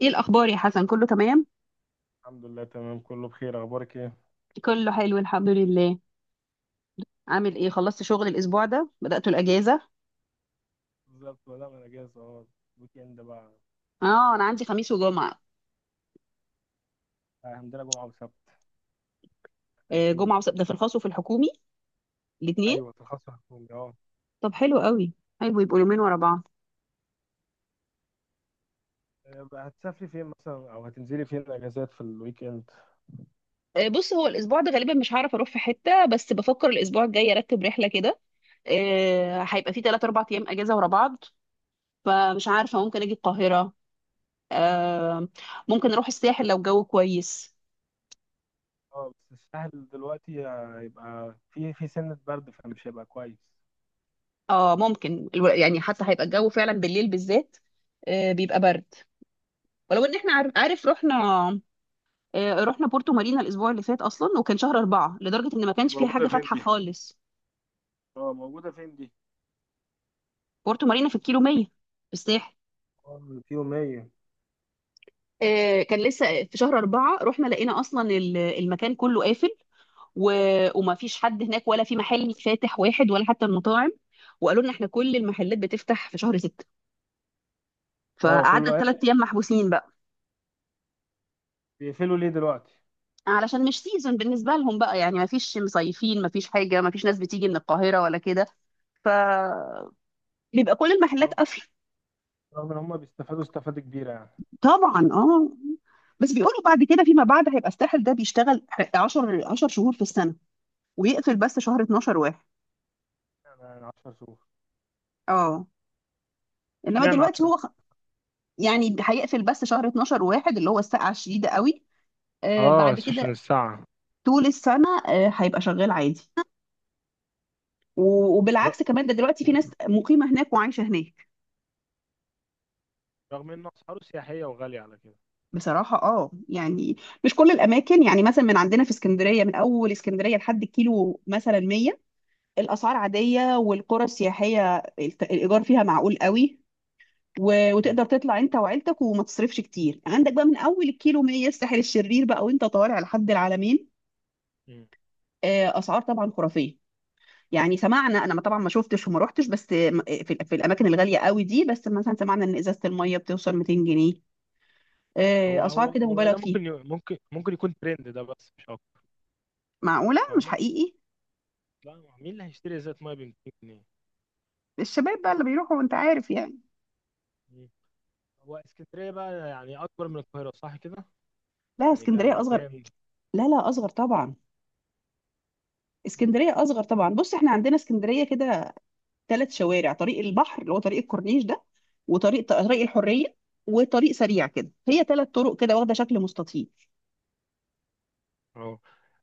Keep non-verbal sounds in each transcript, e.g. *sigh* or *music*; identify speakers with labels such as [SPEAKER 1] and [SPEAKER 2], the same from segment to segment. [SPEAKER 1] ايه الاخبار يا حسن؟ كله تمام؟
[SPEAKER 2] الحمد لله، تمام، كله بخير. اخبارك ايه؟
[SPEAKER 1] كله حلو الحمد لله. عامل ايه؟ خلصت شغل الاسبوع ده؟ بدأت الاجازه؟
[SPEAKER 2] بالظبط، ولا انا جاهز اهو. ويك اند بقى.
[SPEAKER 1] اه، انا عندي خميس وجمعه.
[SPEAKER 2] عندنا جمعه وسبت.
[SPEAKER 1] آه،
[SPEAKER 2] مختلفين.
[SPEAKER 1] جمعه وسبت، ده في الخاص وفي الحكومي الاثنين.
[SPEAKER 2] ايوه، ترخص حكومي، اه.
[SPEAKER 1] طب حلو قوي، حلو يبقوا يومين ورا بعض.
[SPEAKER 2] إيه بقى، هتسافري فين مثلا او هتنزلي فين الاجازات في الويك اند؟
[SPEAKER 1] آه بص، هو الاسبوع ده غالبا مش هعرف اروح في حته، بس بفكر الاسبوع الجاي ارتب رحله كده. آه هيبقى في 3 4 ايام اجازه ورا بعض، فمش عارفه، ممكن اجي القاهره. آه. ممكن اروح الساحل لو الجو كويس.
[SPEAKER 2] اه، بس الساحل دلوقتي هيبقى في سنه برد فمش هيبقى كويس.
[SPEAKER 1] اه، ممكن يعني حتى هيبقى الجو فعلا بالليل بالذات، بيبقى برد. ولو ان احنا عارف رحنا، رحنا بورتو مارينا الاسبوع اللي فات اصلا، وكان شهر اربعة لدرجة ان ما
[SPEAKER 2] دي
[SPEAKER 1] كانش فيها
[SPEAKER 2] موجوده
[SPEAKER 1] حاجة
[SPEAKER 2] فين
[SPEAKER 1] فاتحة
[SPEAKER 2] دي؟
[SPEAKER 1] خالص.
[SPEAKER 2] اه، موجوده فين دي؟
[SPEAKER 1] بورتو مارينا في الكيلو 100 في الساحل.
[SPEAKER 2] اه، في يوميه.
[SPEAKER 1] كان لسه في شهر أربعة، رحنا لقينا أصلا المكان كله قافل و... وما فيش حد هناك، ولا في محل فاتح واحد، ولا حتى المطاعم. وقالوا لنا احنا كل المحلات بتفتح في شهر ستة،
[SPEAKER 2] اه،
[SPEAKER 1] فقعدنا
[SPEAKER 2] كله قافل.
[SPEAKER 1] الثلاث أيام محبوسين بقى.
[SPEAKER 2] بيقفلوا ليه دلوقتي؟
[SPEAKER 1] علشان مش سيزون بالنسبة لهم بقى، يعني ما فيش مصيفين، ما فيش حاجة، ما فيش ناس بتيجي من القاهرة ولا كده. ف... بيبقى كل المحلات
[SPEAKER 2] اه،
[SPEAKER 1] قافله.
[SPEAKER 2] رغم ان هم بيستفادوا استفاده كبيره يعني.
[SPEAKER 1] طبعا اه. بس بيقولوا بعد كده فيما بعد هيبقى الساحل ده بيشتغل 10 شهور في السنه، ويقفل بس شهر 12 واحد.
[SPEAKER 2] يعني 10 شهور.
[SPEAKER 1] اه. انما
[SPEAKER 2] اشمعنى
[SPEAKER 1] دلوقتي
[SPEAKER 2] 10؟
[SPEAKER 1] هو يعني هيقفل بس شهر 12 واحد، اللي هو السقعه الشديده قوي. آه
[SPEAKER 2] اه،
[SPEAKER 1] بعد
[SPEAKER 2] عشان
[SPEAKER 1] كده
[SPEAKER 2] الساعة.
[SPEAKER 1] طول السنه، آه هيبقى شغال عادي. وبالعكس كمان، ده دلوقتي في ناس مقيمه هناك وعايشه هناك.
[SPEAKER 2] رغم ان اسعاره سياحيه وغاليه على كده.
[SPEAKER 1] بصراحه اه، يعني مش كل الاماكن. يعني مثلا من عندنا في اسكندريه، من اول اسكندريه لحد الكيلو مثلا 100، الاسعار عاديه، والقرى السياحيه الايجار فيها معقول قوي.
[SPEAKER 2] مم.
[SPEAKER 1] وتقدر تطلع انت وعيلتك وما تصرفش كتير. عندك بقى من اول الكيلو 100 الساحل الشرير بقى، وانت طالع لحد العلمين،
[SPEAKER 2] مم.
[SPEAKER 1] اسعار طبعا خرافيه. يعني سمعنا، انا طبعا ما شفتش وما روحتش، بس في الاماكن الغاليه قوي دي، بس مثلا سمعنا ان ازازه الميه بتوصل 200 جنيه.
[SPEAKER 2] هو
[SPEAKER 1] اسعار
[SPEAKER 2] هو
[SPEAKER 1] كده
[SPEAKER 2] هو
[SPEAKER 1] مبالغ
[SPEAKER 2] ده
[SPEAKER 1] فيها،
[SPEAKER 2] ممكن ممكن يكون ترند ده، بس مش اكتر.
[SPEAKER 1] معقوله مش
[SPEAKER 2] فاهمه.
[SPEAKER 1] حقيقي.
[SPEAKER 2] لا، مين اللي هيشتري ازازه ميه ب 200 جنيه؟
[SPEAKER 1] الشباب بقى اللي بيروحوا، انت عارف يعني.
[SPEAKER 2] مم. هو اسكندريه بقى يعني اكبر من القاهره صح كده؟
[SPEAKER 1] لا،
[SPEAKER 2] يعني
[SPEAKER 1] اسكندريه اصغر.
[SPEAKER 2] كمكان.
[SPEAKER 1] لا لا، اصغر طبعا.
[SPEAKER 2] مم.
[SPEAKER 1] اسكندريه اصغر طبعا. بص، احنا عندنا اسكندريه كده ثلاث شوارع: طريق البحر اللي هو طريق الكورنيش ده، وطريق الحريه، وطريق سريع كده. هي ثلاث طرق كده، واخده شكل مستطيل.
[SPEAKER 2] اه،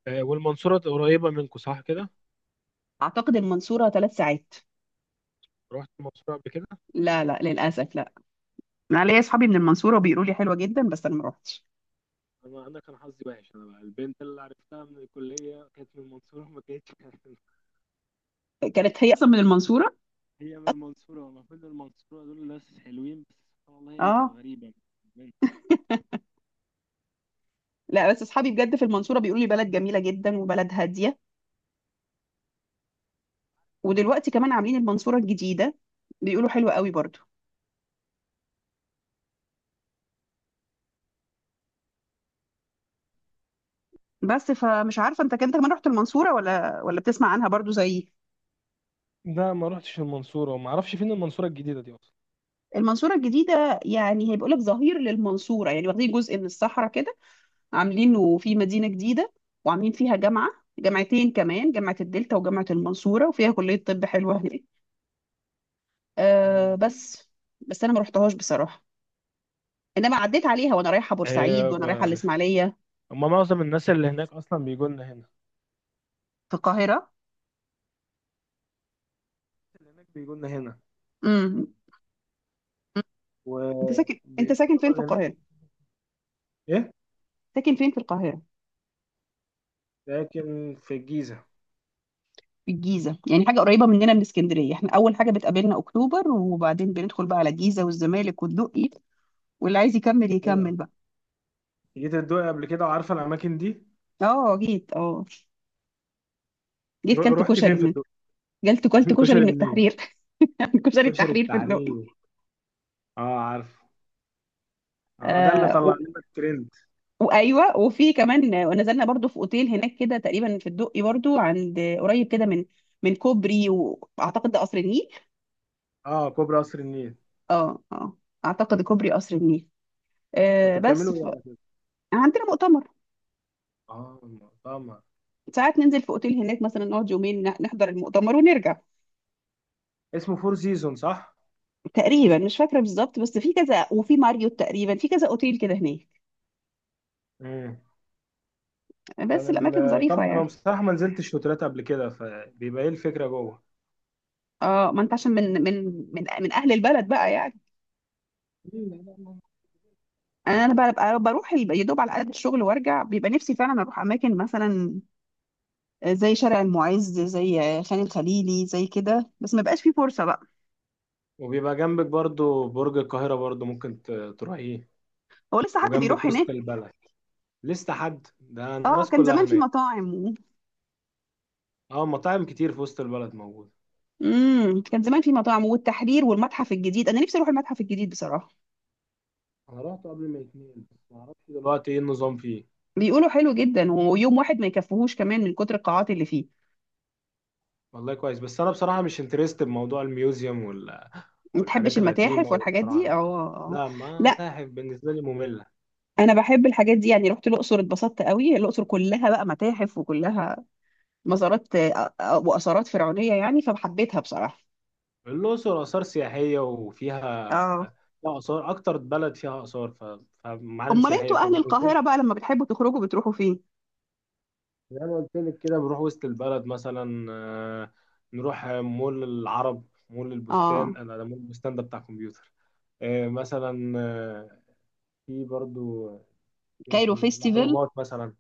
[SPEAKER 2] آه، والمنصوره قريبه منكم صح كده؟
[SPEAKER 1] اعتقد المنصوره ثلاث ساعات.
[SPEAKER 2] رحت المنصوره قبل كده؟
[SPEAKER 1] لا لا، للاسف لا. انا ليا اصحابي من المنصوره وبيقولوا لي حلوه جدا، بس انا ما روحتش.
[SPEAKER 2] انا كان حظي وحش. انا بقى البنت اللي عرفتها من الكليه كانت من المنصوره، ما كانتش *laughs*
[SPEAKER 1] كانت هي اصلا من المنصوره.
[SPEAKER 2] هي من المنصوره. المفروض المنصوره دول ناس حلوين، بس سبحان الله هي اللي كانت
[SPEAKER 1] اه.
[SPEAKER 2] غريبه.
[SPEAKER 1] لا بس اصحابي بجد في المنصوره بيقولوا لي بلد جميله جدا، وبلد هاديه. ودلوقتي كمان عاملين المنصوره الجديده، بيقولوا حلوه قوي برضو. بس، فمش عارفه انت كنت كمان رحت المنصوره ولا، ولا بتسمع عنها برضو زيي.
[SPEAKER 2] ده ما رحتش المنصورة، وما اعرفش فين المنصورة الجديدة دي اصلا.
[SPEAKER 1] المنصورة الجديدة يعني هيبقى لك ظهير للمنصورة، يعني واخدين جزء من الصحراء كده، عاملينه في مدينة جديدة، وعاملين فيها جامعة، جامعتين كمان: جامعة الدلتا وجامعة المنصورة، وفيها كلية طب حلوة هناك. أه
[SPEAKER 2] مم.
[SPEAKER 1] بس، بس أنا ما رحتهاش بصراحة. إنما عديت عليها وأنا رايحة بورسعيد،
[SPEAKER 2] إيه؟
[SPEAKER 1] وأنا رايحة الإسماعيلية.
[SPEAKER 2] هما معظم الناس اللي هناك اصلا بيجوا لنا هنا.
[SPEAKER 1] في القاهرة.
[SPEAKER 2] اللي هناك بيجوا لنا هنا.
[SPEAKER 1] امم. أنت ساكن، أنت ساكن
[SPEAKER 2] والطلبة
[SPEAKER 1] فين في
[SPEAKER 2] اللي هناك.
[SPEAKER 1] القاهرة؟
[SPEAKER 2] ايه؟
[SPEAKER 1] ساكن فين في القاهرة؟
[SPEAKER 2] لكن في الجيزة.
[SPEAKER 1] في الجيزة، يعني حاجة قريبة مننا من اسكندرية. احنا أول حاجة بتقابلنا أكتوبر، وبعدين بندخل بقى على الجيزة والزمالك والدقي، واللي عايز يكمل
[SPEAKER 2] ايوه،
[SPEAKER 1] يكمل بقى.
[SPEAKER 2] جيت الدقي قبل كده وعارفة الاماكن دي؟
[SPEAKER 1] اه جيت اه. جيت كلت
[SPEAKER 2] رحت فين
[SPEAKER 1] كشري
[SPEAKER 2] في
[SPEAKER 1] من،
[SPEAKER 2] الدقي؟
[SPEAKER 1] جلت كلت
[SPEAKER 2] *laughs*
[SPEAKER 1] كشري
[SPEAKER 2] كشري
[SPEAKER 1] من
[SPEAKER 2] منين؟
[SPEAKER 1] التحرير. *laughs* كشري
[SPEAKER 2] كشري
[SPEAKER 1] التحرير في الدقي.
[SPEAKER 2] التحرير. اه، عارف. اه، ده اللي
[SPEAKER 1] آه و...
[SPEAKER 2] طلع لنا الترند.
[SPEAKER 1] وايوه، وفي كمان، ونزلنا برضو في اوتيل هناك كده تقريبا في الدقي برضو، عند قريب كده من، من كوبري واعتقد ده قصر النيل.
[SPEAKER 2] اه، كوبري قصر النيل.
[SPEAKER 1] اه اه، اعتقد كوبري قصر النيل.
[SPEAKER 2] كنت
[SPEAKER 1] آه بس
[SPEAKER 2] بتعملوا
[SPEAKER 1] ف...
[SPEAKER 2] ايه على كده؟
[SPEAKER 1] عندنا مؤتمر.
[SPEAKER 2] اه، المطعم.
[SPEAKER 1] ساعات ننزل في اوتيل هناك مثلا، نقعد يومين نحضر المؤتمر ونرجع.
[SPEAKER 2] اسمه فور سيزون صح؟
[SPEAKER 1] تقريبا مش فاكره بالظبط، بس في كذا، وفي ماريوت، تقريبا في كذا اوتيل كده هناك.
[SPEAKER 2] امم.
[SPEAKER 1] بس
[SPEAKER 2] كان
[SPEAKER 1] الاماكن ظريفه
[SPEAKER 2] الكام، انا
[SPEAKER 1] يعني.
[SPEAKER 2] بصراحه ما نزلتش شوترات قبل كده، فبيبقى ايه الفكره جوه؟
[SPEAKER 1] اه، ما انت عشان من من اهل البلد بقى يعني. يعني انا بقى، بقى بروح يا دوب على قد الشغل وارجع. بيبقى نفسي فعلا اروح اماكن مثلا، زي شارع المعز، زي خان الخليلي، زي كده، بس ما بقاش فيه فرصه بقى.
[SPEAKER 2] وبيبقى جنبك برضو برج القاهره، برضو ممكن تروحيه.
[SPEAKER 1] هو لسه حد
[SPEAKER 2] وجنبك
[SPEAKER 1] بيروح
[SPEAKER 2] وسط
[SPEAKER 1] هناك؟
[SPEAKER 2] البلد. لسه حد؟ ده
[SPEAKER 1] اه،
[SPEAKER 2] الناس
[SPEAKER 1] كان
[SPEAKER 2] كلها
[SPEAKER 1] زمان في
[SPEAKER 2] هناك.
[SPEAKER 1] مطاعم
[SPEAKER 2] اه، مطاعم كتير في وسط البلد موجوده.
[SPEAKER 1] امم. كان زمان في مطاعم، والتحرير، والمتحف الجديد. انا نفسي اروح المتحف الجديد بصراحه.
[SPEAKER 2] انا رحت قبل ما اتنين، بس ما اعرفش دلوقتي ايه النظام فيه.
[SPEAKER 1] بيقولوا حلو جدا، ويوم واحد ما يكفيهوش كمان من كتر القاعات اللي فيه.
[SPEAKER 2] والله كويس، بس انا بصراحه مش انترست بموضوع الميوزيوم
[SPEAKER 1] ما تحبش
[SPEAKER 2] والحاجات القديمه
[SPEAKER 1] المتاحف والحاجات دي؟ اه
[SPEAKER 2] والفراعنه.
[SPEAKER 1] آه.
[SPEAKER 2] لا، ما
[SPEAKER 1] آه.
[SPEAKER 2] متاحف بالنسبه لي ممله.
[SPEAKER 1] انا بحب الحاجات دي. يعني رحت الاقصر اتبسطت قوي، الاقصر كلها بقى متاحف وكلها مزارات، آه، آه، واثارات فرعونيه يعني، فحبيتها بصراحه.
[SPEAKER 2] الأقصر آثار سياحية وفيها
[SPEAKER 1] اه.
[SPEAKER 2] فيها آثار، أكتر بلد فيها آثار، فمعالم
[SPEAKER 1] امال
[SPEAKER 2] سياحية،
[SPEAKER 1] انتوا اهل
[SPEAKER 2] فبالنسبة لي.
[SPEAKER 1] القاهره بقى لما بتحبوا تخرجوا بتروحوا فين؟
[SPEAKER 2] زي ما قلت لك كده بنروح وسط البلد مثلا، نروح مول العرب. مول البستان،
[SPEAKER 1] اه،
[SPEAKER 2] أنا ده مول البستان ده بتاع كمبيوتر. مثلا في برضو. يمكن
[SPEAKER 1] كايرو فيستيفال.
[SPEAKER 2] الأهرامات مثلا.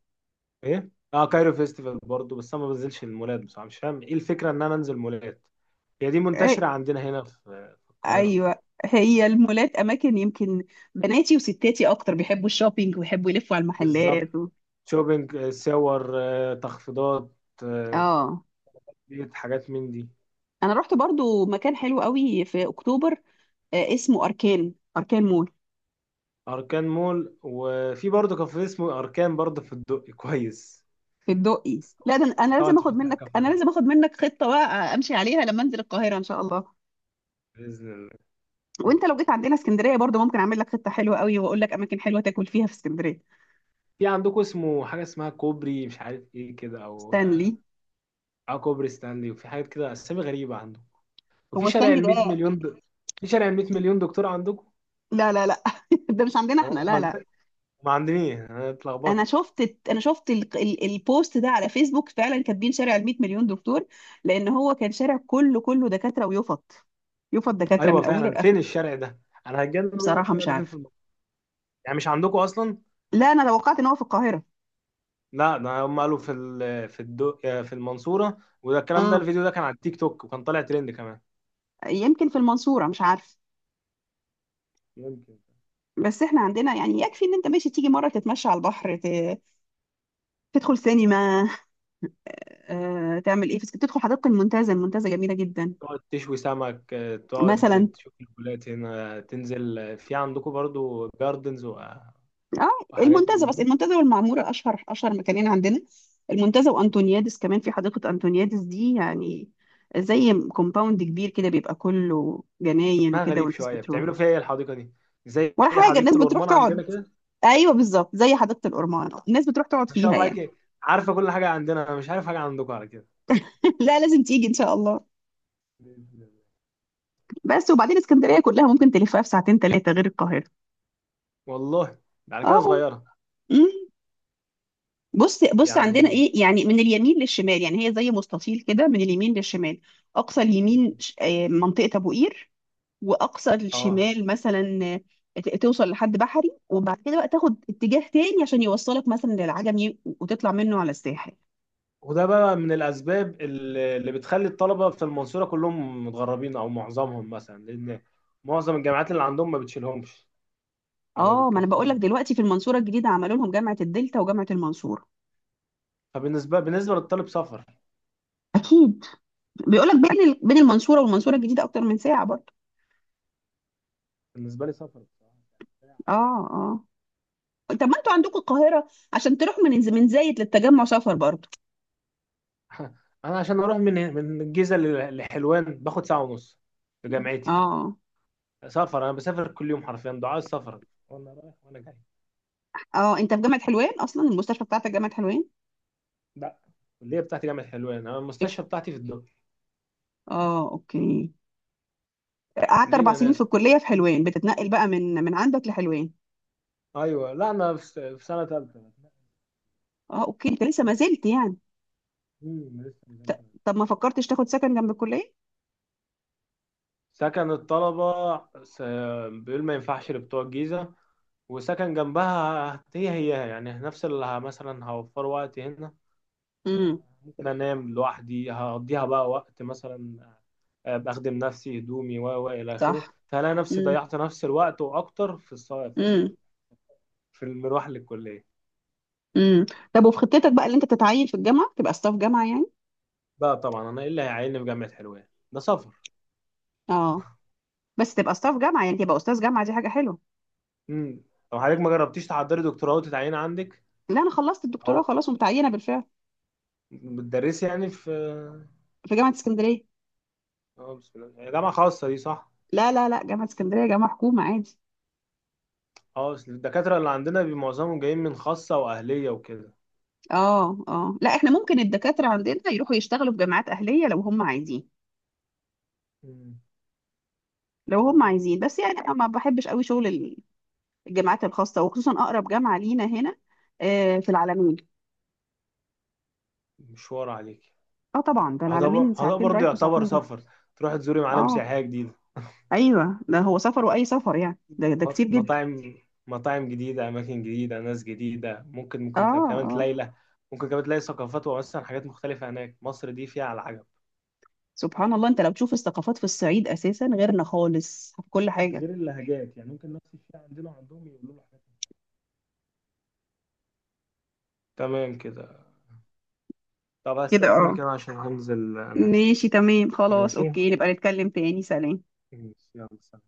[SPEAKER 2] إيه؟ اه، كايرو فيستيفال برضو، بس انا ما بنزلش المولات بصراحه، مش فاهم ايه الفكره ان انا انزل مولات. هي دي منتشره
[SPEAKER 1] إيه،
[SPEAKER 2] عندنا هنا في في القاهره.
[SPEAKER 1] ايوه. هي المولات اماكن، يمكن بناتي وستاتي اكتر بيحبوا الشوبينج، ويحبوا يلفوا على
[SPEAKER 2] بالظبط.
[SPEAKER 1] المحلات و...
[SPEAKER 2] شوبينج، ساور، تخفيضات، آه،
[SPEAKER 1] اه.
[SPEAKER 2] ديت حاجات من دي.
[SPEAKER 1] انا رحت برضو مكان حلو قوي في اكتوبر، اسمه اركان، اركان مول.
[SPEAKER 2] أركان مول، وفي برضه كافيه اسمه أركان برضه في الدق، كويس.
[SPEAKER 1] في الدقي؟
[SPEAKER 2] بس
[SPEAKER 1] لا
[SPEAKER 2] طبعا،
[SPEAKER 1] ده، انا
[SPEAKER 2] طبعا
[SPEAKER 1] لازم
[SPEAKER 2] انت مش
[SPEAKER 1] اخد
[SPEAKER 2] هتروح
[SPEAKER 1] منك انا
[SPEAKER 2] كافيهات.
[SPEAKER 1] لازم اخد منك خطه بقى امشي عليها لما انزل القاهره ان شاء الله.
[SPEAKER 2] بإذن الله.
[SPEAKER 1] وانت لو جيت عندنا اسكندريه برضو، ممكن اعمل لك خطه حلوه قوي، واقول لك اماكن حلوه تاكل فيها في اسكندريه.
[SPEAKER 2] في عندكم اسمه حاجة اسمها كوبري مش عارف ايه كده، او...
[SPEAKER 1] ستانلي.
[SPEAKER 2] اه، كوبري ستانلي، وفي حاجات كده اسامي غريبة عندكم. وفي
[SPEAKER 1] هو
[SPEAKER 2] شارع
[SPEAKER 1] ستانلي
[SPEAKER 2] ال 100
[SPEAKER 1] ده؟
[SPEAKER 2] مليون في شارع ال 100 مليون دكتور عندكم.
[SPEAKER 1] لا لا لا، *laughs* ده مش عندنا احنا، لا
[SPEAKER 2] امال
[SPEAKER 1] لا.
[SPEAKER 2] ده ما عندنيش، انا
[SPEAKER 1] انا
[SPEAKER 2] اتلخبطت.
[SPEAKER 1] شفت انا شفت البوست ده على فيسبوك، فعلا كاتبين شارع ال 100 مليون دكتور، لان هو كان شارع كله دكاتره، ويفط، يفط دكاتره
[SPEAKER 2] ايوه
[SPEAKER 1] من اوله
[SPEAKER 2] فعلا، فين
[SPEAKER 1] لاخره.
[SPEAKER 2] الشارع ده؟ انا هتجنن واعرف
[SPEAKER 1] بصراحه
[SPEAKER 2] الشارع
[SPEAKER 1] مش
[SPEAKER 2] ده فين في
[SPEAKER 1] عارف.
[SPEAKER 2] المنطقة. يعني مش عندكم اصلا؟
[SPEAKER 1] لا، انا توقعت ان هو في القاهره.
[SPEAKER 2] لا، ده هم قالوا في المنصورة، وده الكلام ده
[SPEAKER 1] اه،
[SPEAKER 2] الفيديو ده كان على التيك توك وكان طالع ترند كمان.
[SPEAKER 1] يمكن في المنصوره مش عارف.
[SPEAKER 2] يمكن.
[SPEAKER 1] بس احنا عندنا يعني، يكفي ان انت ماشي تيجي مره تتمشى على البحر، تدخل سينما، تعمل ايه، تدخل حديقه المنتزه، المنتزه جميله جدا.
[SPEAKER 2] تقعد تشوي سمك،
[SPEAKER 1] مثلا
[SPEAKER 2] تقعد تشوف البلاد. هنا تنزل، في عندكم برضو جاردنز
[SPEAKER 1] اه،
[SPEAKER 2] وحاجات
[SPEAKER 1] المنتزه،
[SPEAKER 2] من
[SPEAKER 1] بس
[SPEAKER 2] دي.
[SPEAKER 1] المنتزه والمعموره اشهر مكانين عندنا. المنتزه وانطونيادس، كمان في حديقه انطونيادس دي، يعني زي كومباوند كبير كده، بيبقى كله جناين
[SPEAKER 2] ما
[SPEAKER 1] وكده،
[SPEAKER 2] غريب
[SPEAKER 1] والناس
[SPEAKER 2] شوية،
[SPEAKER 1] بتروح.
[SPEAKER 2] بتعملوا فيها ايه الحديقة دي؟ زي
[SPEAKER 1] ولا حاجه، الناس
[SPEAKER 2] حديقة
[SPEAKER 1] بتروح
[SPEAKER 2] الأورمان
[SPEAKER 1] تقعد.
[SPEAKER 2] عندنا كده.
[SPEAKER 1] ايوه بالظبط، زي حديقه الأورمان، الناس بتروح تقعد
[SPEAKER 2] ما شاء
[SPEAKER 1] فيها
[SPEAKER 2] الله
[SPEAKER 1] يعني.
[SPEAKER 2] عليك. عارفة كل حاجة عندنا، أنا مش عارف حاجة عندكم على كده.
[SPEAKER 1] *laughs* لا، لازم تيجي ان شاء الله.
[SPEAKER 2] بإذن الله.
[SPEAKER 1] بس وبعدين اسكندريه كلها ممكن تلفها في ساعتين ثلاثه، غير القاهره.
[SPEAKER 2] والله ده على كده
[SPEAKER 1] اه.
[SPEAKER 2] صغيرة.
[SPEAKER 1] مم. بص بص، عندنا
[SPEAKER 2] يعني
[SPEAKER 1] ايه يعني من اليمين للشمال، يعني هي زي مستطيل كده، من اليمين للشمال، اقصى اليمين منطقه ابو قير، واقصى
[SPEAKER 2] اه.
[SPEAKER 1] الشمال مثلا، توصل لحد بحري، وبعد كده بقى تاخد اتجاه تاني عشان يوصلك مثلا للعجمي، وتطلع منه على الساحل.
[SPEAKER 2] وده بقى من الأسباب اللي بتخلي الطلبة في المنصورة كلهم متغربين، أو معظمهم مثلا، لأن معظم الجامعات اللي عندهم ما بتشيلهمش، أو ما
[SPEAKER 1] اه، ما انا بقول لك
[SPEAKER 2] بتكفيهمش.
[SPEAKER 1] دلوقتي في المنصوره الجديده عملوا لهم جامعه الدلتا وجامعه المنصوره.
[SPEAKER 2] فبالنسبة للطالب سفر.
[SPEAKER 1] اكيد. بيقول لك بين بين المنصوره والمنصوره الجديده اكتر من ساعه برضه.
[SPEAKER 2] بالنسبة لي سفر بصراحة.
[SPEAKER 1] اه اه. طب ما انتوا عندكم القاهرة، عشان تروح من من زايد للتجمع سفر برضه.
[SPEAKER 2] *laughs* أنا عشان أروح من الجيزة لحلوان باخد ساعة ونص لجامعتي.
[SPEAKER 1] اه
[SPEAKER 2] سفر، أنا بسافر كل يوم حرفيا دعاء السفر، وأنا رايح وأنا جاي.
[SPEAKER 1] اه. انت في جامعة حلوان اصلا، المستشفى بتاعتك جامعة حلوان؟
[SPEAKER 2] لا، الكلية بتاعتي جامعة حلوان، أنا
[SPEAKER 1] إك-
[SPEAKER 2] المستشفى بتاعتي في الدقي.
[SPEAKER 1] اه اوكي. قعدت اربع
[SPEAKER 2] لينا
[SPEAKER 1] سنين في
[SPEAKER 2] ناس.
[SPEAKER 1] الكلية في حلوان، بتتنقل بقى من عندك لحلوان.
[SPEAKER 2] أيوه، لا أنا في سنة تالتة.
[SPEAKER 1] اه اوكي، انت لسه ما زلت يعني.
[SPEAKER 2] لسه ما نزلت.
[SPEAKER 1] طب ما فكرتش تاخد سكن جنب الكلية؟
[SPEAKER 2] سكن الطلبة، س- بيقول ما ينفعش لبتوع الجيزة. وسكن جنبها هي هي يعني نفس اللي مثلا هوفر وقت هنا.
[SPEAKER 1] امم.
[SPEAKER 2] ممكن انام لوحدي هقضيها بقى وقت مثلا. بخدم نفسي هدومي و الى اخره،
[SPEAKER 1] صح.
[SPEAKER 2] فهلاقي نفسي
[SPEAKER 1] امم.
[SPEAKER 2] ضيعت نفس الوقت واكتر
[SPEAKER 1] امم.
[SPEAKER 2] في المروح للكلية.
[SPEAKER 1] امم. طب وفي خطتك بقى اللي انت تتعين في الجامعة، تبقى ستاف جامعة يعني.
[SPEAKER 2] بقى طبعا انا ايه اللي هيعيني في جامعة حلوان، ده سفر.
[SPEAKER 1] اه، بس تبقى ستاف جامعة، يعني تبقى استاذ جامعة، دي حاجة حلوة.
[SPEAKER 2] امم. طب، حضرتك ما جربتيش تحضري دكتوراه وتتعيني عندك؟
[SPEAKER 1] لا، انا خلصت
[SPEAKER 2] او،
[SPEAKER 1] الدكتوراه خلاص ومتعينة بالفعل.
[SPEAKER 2] بتدرسي يعني في...
[SPEAKER 1] في جامعة اسكندرية.
[SPEAKER 2] اه، بسم الله، هي جامعة خاصة دي صح؟
[SPEAKER 1] لا لا لا، جامعة اسكندرية جامعة حكومة عادي.
[SPEAKER 2] اه، أصل الدكاترة اللي عندنا معظمهم جايين من خاصة وأهلية وكده.
[SPEAKER 1] اه اه، لا احنا ممكن الدكاترة عندنا يروحوا يشتغلوا في جامعات أهلية لو هم عايزين.
[SPEAKER 2] مم.
[SPEAKER 1] لو هم
[SPEAKER 2] يعني
[SPEAKER 1] عايزين، بس يعني انا ما بحبش قوي شغل الجامعات الخاصة، وخصوصا أقرب جامعة لينا هنا، آه في العالمين.
[SPEAKER 2] مشوار عليك.
[SPEAKER 1] اه طبعا، ده العالمين
[SPEAKER 2] هذا
[SPEAKER 1] ساعتين
[SPEAKER 2] برضه
[SPEAKER 1] رايح
[SPEAKER 2] يعتبر
[SPEAKER 1] وساعتين جاي.
[SPEAKER 2] سفر. تروح تزوري معالم
[SPEAKER 1] اه
[SPEAKER 2] سياحية جديدة.
[SPEAKER 1] ايوه، ده هو سفر، وأي سفر يعني، ده كتير جدا.
[SPEAKER 2] مطاعم. مطاعم جديدة، أماكن جديدة، ناس جديدة، ممكن
[SPEAKER 1] اه
[SPEAKER 2] ممكن تلاقي كمان
[SPEAKER 1] اه.
[SPEAKER 2] ممكن كمان تلاقي ثقافات وأصلا حاجات مختلفة هناك. مصر دي فيها على العجب.
[SPEAKER 1] سبحان الله، انت لو تشوف الثقافات في الصعيد أساسا غيرنا خالص في كل حاجة.
[SPEAKER 2] غير اللهجات، يعني ممكن نفس الشيء عندنا وعندهم يقولوا له حاجات. تمام كده. طب،
[SPEAKER 1] كده اه.
[SPEAKER 2] هستأذنك أنا عشان هنزل أنام.
[SPEAKER 1] ماشي تمام، خلاص
[SPEAKER 2] ماشي، ماشي،
[SPEAKER 1] اوكي، نبقى نتكلم تاني. سلام.
[SPEAKER 2] يلا، سلام.